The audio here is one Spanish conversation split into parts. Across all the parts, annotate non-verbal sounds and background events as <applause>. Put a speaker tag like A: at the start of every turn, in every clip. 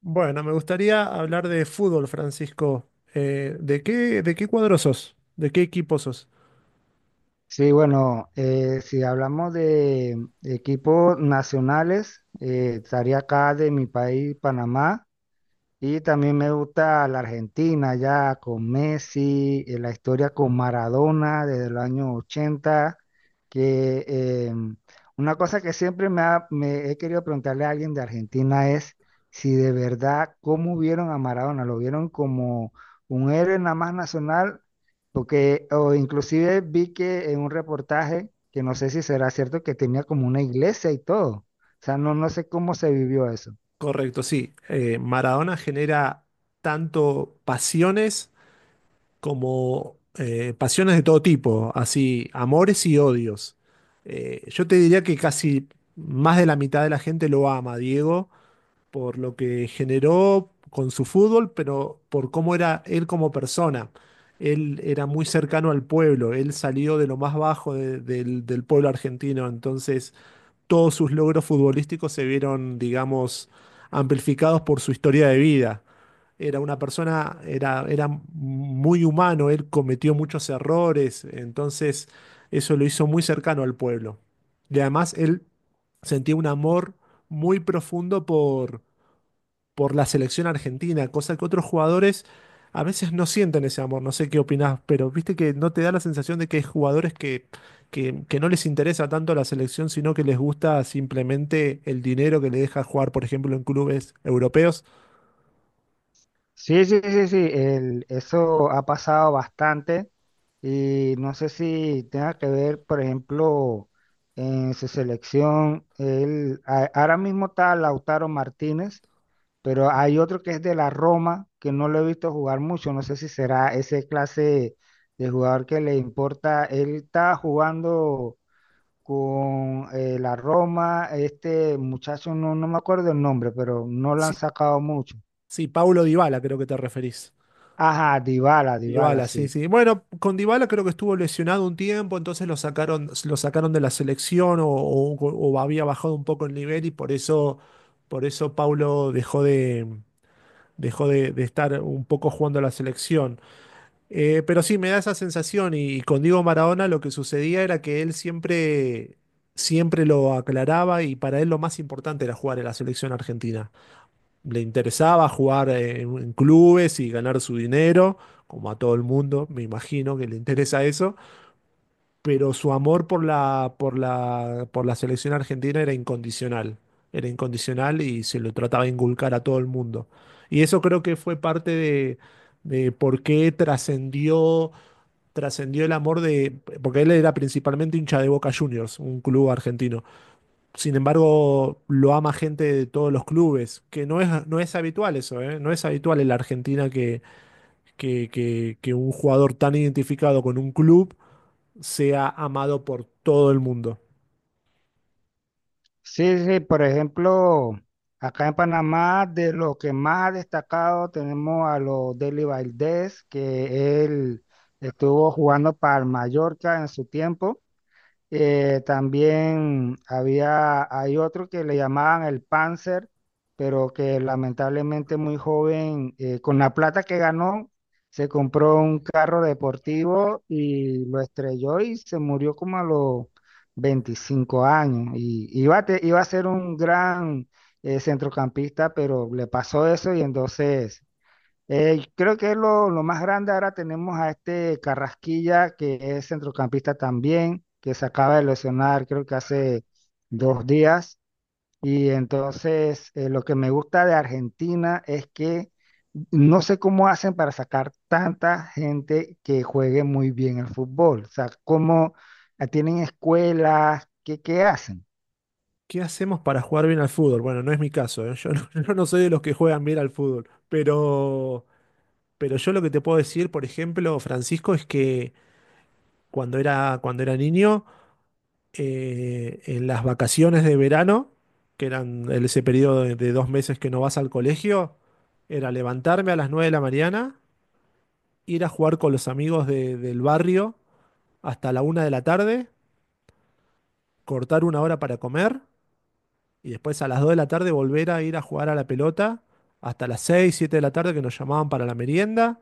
A: Bueno, me gustaría hablar de fútbol, Francisco. De qué cuadro sos? ¿De qué equipo sos?
B: Sí, bueno, si hablamos de equipos nacionales, estaría acá de mi país, Panamá. Y también me gusta la Argentina, ya con Messi, la historia con Maradona desde el año 80 que una cosa que siempre me he querido preguntarle a alguien de Argentina es si de verdad, ¿cómo vieron a Maradona? ¿Lo vieron como un héroe nada más nacional? Porque, o inclusive vi que en un reportaje, que no sé si será cierto, que tenía como una iglesia y todo. O sea, no, no sé cómo se vivió eso.
A: Correcto, sí. Maradona genera tanto pasiones como pasiones de todo tipo, así amores y odios. Yo te diría que casi más de la mitad de la gente lo ama, Diego, por lo que generó con su fútbol, pero por cómo era él como persona. Él era muy cercano al pueblo, él salió de lo más bajo del del pueblo argentino, entonces todos sus logros futbolísticos se vieron, digamos, amplificados por su historia de vida. Era una persona, era muy humano, él cometió muchos errores, entonces eso lo hizo muy cercano al pueblo. Y además él sentía un amor muy profundo por la selección argentina, cosa que otros jugadores a veces no sienten ese amor. No sé qué opinás, pero viste que no te da la sensación de que hay jugadores que no les interesa tanto la selección, sino que les gusta simplemente el dinero que le deja jugar, por ejemplo, en clubes europeos.
B: Sí, sí, sí, sí, eso ha pasado bastante y no sé si tenga que ver, por ejemplo, en su selección, él, ahora mismo está Lautaro Martínez, pero hay otro que es de la Roma, que no lo he visto jugar mucho, no sé si será ese clase de jugador que le importa, él está jugando con la Roma, este muchacho, no, no me acuerdo el nombre, pero no lo han
A: Sí,
B: sacado mucho.
A: sí, Paulo Dybala creo que te referís.
B: Ajá, Dybala, Dybala,
A: Dybala, sí,
B: sí.
A: sí. Bueno, con Dybala creo que estuvo lesionado un tiempo, entonces lo sacaron de la selección o había bajado un poco el nivel y por eso Paulo dejó de, dejó de estar un poco jugando a la selección. Pero sí, me da esa sensación y con Diego Maradona lo que sucedía era que él siempre, siempre lo aclaraba y para él lo más importante era jugar en la selección argentina. Le interesaba jugar en clubes y ganar su dinero, como a todo el mundo, me imagino que le interesa eso, pero su amor por la, por la selección argentina era incondicional. Era incondicional y se lo trataba de inculcar a todo el mundo. Y eso creo que fue parte de por qué trascendió, trascendió el amor de, porque él era principalmente hincha de Boca Juniors, un club argentino. Sin embargo, lo ama gente de todos los clubes, que no es, no es habitual eso, ¿eh? No es habitual en la Argentina que, que un jugador tan identificado con un club sea amado por todo el mundo.
B: Sí, sí, por ejemplo, acá en Panamá, de lo que más ha destacado, tenemos a los Deli Valdés, que él estuvo jugando para el Mallorca en su tiempo. También hay otro que le llamaban el Panzer, pero que lamentablemente muy joven, con la plata que ganó, se compró un carro deportivo y lo estrelló y se murió como a los 25 años. Y iba a ser un gran centrocampista, pero le pasó eso y entonces creo que es lo más grande. Ahora tenemos a este Carrasquilla, que es centrocampista también, que se acaba de lesionar, creo que hace 2 días. Y entonces, lo que me gusta de Argentina es que no sé cómo hacen para sacar tanta gente que juegue muy bien el fútbol. O sea, cómo tienen escuelas, ¿qué, qué hacen?
A: ¿Qué hacemos para jugar bien al fútbol? Bueno, no es mi caso, ¿eh? Yo no, <laughs> yo no soy de los que juegan bien al fútbol, pero yo lo que te puedo decir, por ejemplo, Francisco, es que cuando era niño, en las vacaciones de verano, que eran ese periodo de dos meses que no vas al colegio, era levantarme a las 9 de la mañana, ir a jugar con los amigos del barrio hasta la una de la tarde, cortar una hora para comer y después a las 2 de la tarde volver a ir a jugar a la pelota hasta las 6 7 de la tarde que nos llamaban para la merienda,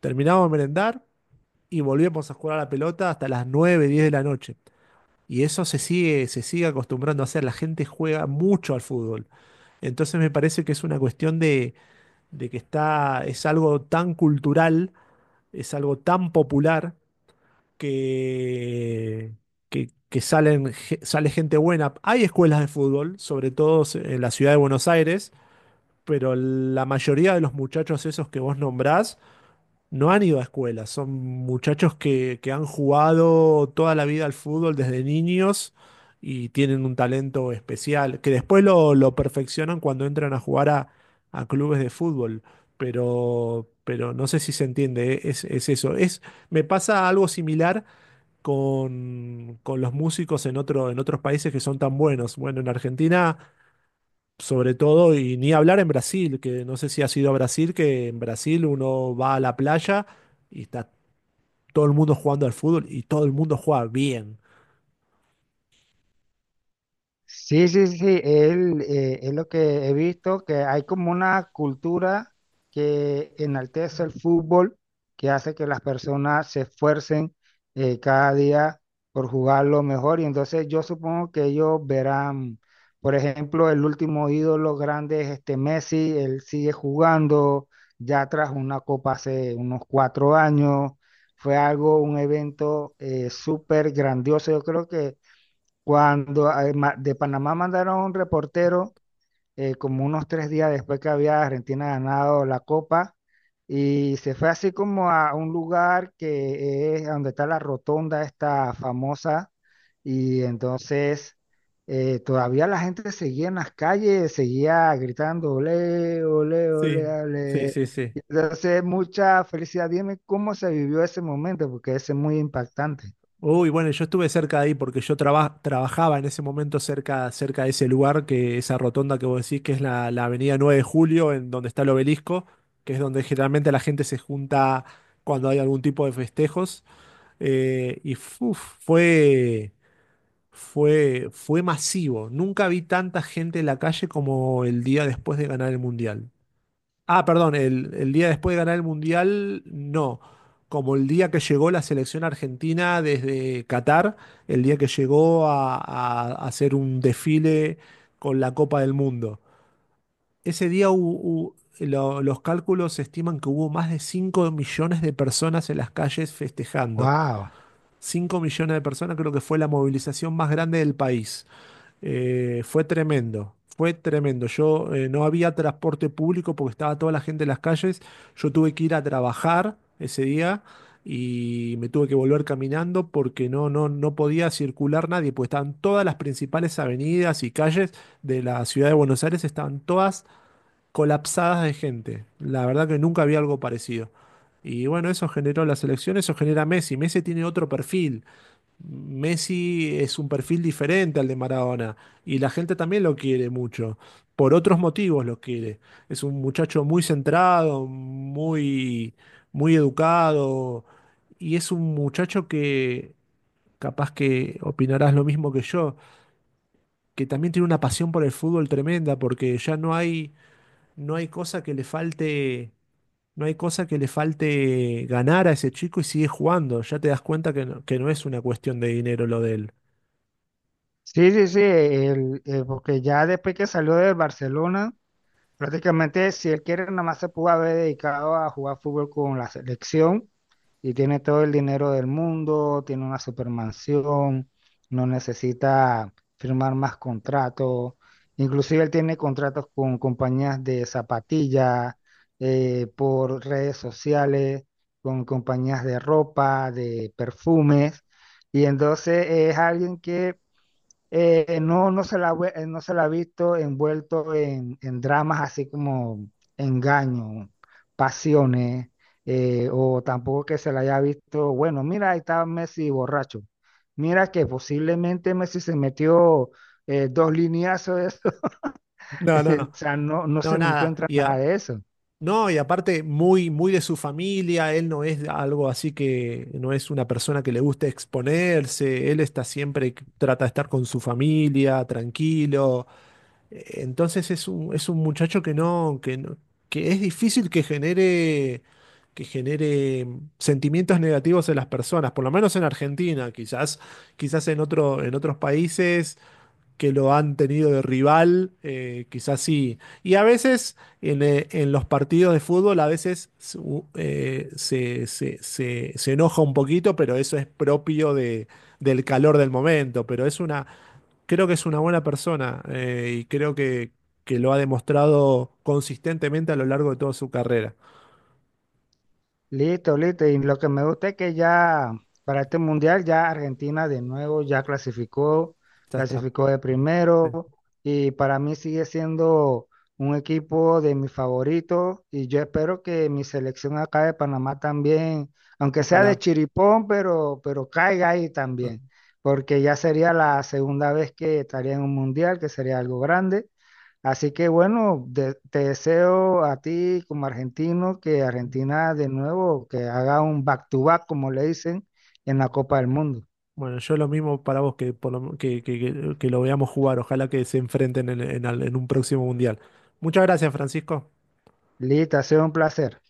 A: terminábamos de merendar y volvíamos a jugar a la pelota hasta las 9 10 de la noche. Y eso se sigue acostumbrando a hacer. La gente juega mucho al fútbol. Entonces me parece que es una cuestión de que está, es algo tan cultural, es algo tan popular que, que salen, sale gente buena. Hay escuelas de fútbol, sobre todo en la ciudad de Buenos Aires, pero la mayoría de los muchachos esos que vos nombrás no han ido a escuela, son muchachos que han jugado toda la vida al fútbol desde niños y tienen un talento especial, que después lo perfeccionan cuando entran a jugar a clubes de fútbol, pero no sé si se entiende, ¿eh? Es eso. Es, me pasa algo similar con los músicos en otro, en otros países que son tan buenos. Bueno, en Argentina sobre todo, y ni hablar en Brasil, que no sé si has ido a Brasil, que en Brasil uno va a la playa y está todo el mundo jugando al fútbol y todo el mundo juega bien.
B: Sí, sí, sí, él, es lo que he visto, que hay como una cultura que enaltece el fútbol, que hace que las personas se esfuercen cada día por jugarlo mejor. Y entonces yo supongo que ellos verán, por ejemplo, el último ídolo grande es este Messi, él sigue jugando, ya tras una copa hace unos 4 años, fue algo, un evento súper grandioso, yo creo que... Cuando de Panamá mandaron a un reportero, como unos 3 días después que había Argentina ganado la Copa, y se fue así como a un lugar que es donde está la rotonda esta famosa, y entonces todavía la gente seguía en las calles, seguía gritando, ole, ole,
A: Sí,
B: ole,
A: sí,
B: ole.
A: sí, sí.
B: Y entonces, mucha felicidad. Dime cómo se vivió ese momento, porque ese es muy impactante.
A: Uy, bueno, yo estuve cerca de ahí porque yo trabajaba en ese momento cerca, cerca de ese lugar, que esa rotonda que vos decís, que es la, la avenida 9 de Julio, en donde está el obelisco, que es donde generalmente la gente se junta cuando hay algún tipo de festejos. eh, y fu- fue. Fue, fue masivo. Nunca vi tanta gente en la calle como el día después de ganar el Mundial. Ah, perdón, el día después de ganar el Mundial, no. Como el día que llegó la selección argentina desde Qatar, el día que llegó a, a hacer un desfile con la Copa del Mundo. Ese día los cálculos estiman que hubo más de 5 millones de personas en las calles festejando.
B: Wow.
A: 5 millones de personas creo que fue la movilización más grande del país. Fue tremendo, fue tremendo. Yo no había transporte público porque estaba toda la gente en las calles. Yo tuve que ir a trabajar ese día y me tuve que volver caminando porque no, no podía circular nadie, pues estaban todas las principales avenidas y calles de la ciudad de Buenos Aires, estaban todas colapsadas de gente. La verdad que nunca había algo parecido. Y bueno, eso generó las elecciones, eso genera Messi. Messi tiene otro perfil. Messi es un perfil diferente al de Maradona y la gente también lo quiere mucho. Por otros motivos lo quiere. Es un muchacho muy centrado, muy, muy educado y es un muchacho que capaz que opinarás lo mismo que yo, que también tiene una pasión por el fútbol tremenda porque ya no hay, no hay cosa que le falte. No hay cosa que le falte ganar a ese chico y sigue jugando. Ya te das cuenta que no es una cuestión de dinero lo de él.
B: Sí, sí, sí, porque ya después que salió del Barcelona, prácticamente si él quiere, nada más se pudo haber dedicado a jugar fútbol con la selección y tiene todo el dinero del mundo, tiene una supermansión, no necesita firmar más contratos, inclusive él tiene contratos con compañías de zapatillas, por redes sociales, con compañías de ropa, de perfumes, y entonces es alguien que no se la ha visto envuelto en dramas así como engaño, pasiones, o tampoco que se la haya visto, bueno, mira, ahí está Messi borracho. Mira que posiblemente Messi se metió dos lineazos de eso. <laughs>
A: No, no, no.
B: O sea, no, no se
A: No,
B: le
A: nada.
B: encuentra nada de eso.
A: No, y aparte muy, muy de su familia, él no es algo así que no es una persona que le guste exponerse, él está siempre, que trata de estar con su familia, tranquilo. Entonces es un muchacho que no, que es difícil que genere sentimientos negativos en las personas, por lo menos en Argentina, quizás, quizás en otro, en otros países que lo han tenido de rival, quizás sí. Y a veces en los partidos de fútbol, a veces se enoja un poquito, pero eso es propio de, del calor del momento. Pero es una, creo que es una buena persona y creo que lo ha demostrado consistentemente a lo largo de toda su carrera.
B: Listo, listo. Y lo que me gusta es que ya para este mundial ya Argentina de nuevo ya clasificó,
A: Ya está.
B: clasificó de
A: Sí.
B: primero y para mí sigue siendo un equipo de mis favoritos y yo espero que mi selección acá de Panamá también, aunque sea de
A: Ojalá.
B: chiripón, pero caiga ahí también, porque ya sería la segunda vez que estaría en un mundial, que sería algo grande. Así que bueno, te deseo a ti como argentino que Argentina de nuevo, que haga un back to back, como le dicen, en la Copa del Mundo.
A: Bueno, yo lo mismo para vos que, por lo- que lo veamos jugar. Ojalá que se enfrenten en, en un próximo mundial. Muchas gracias, Francisco.
B: Lita, ha sido un placer.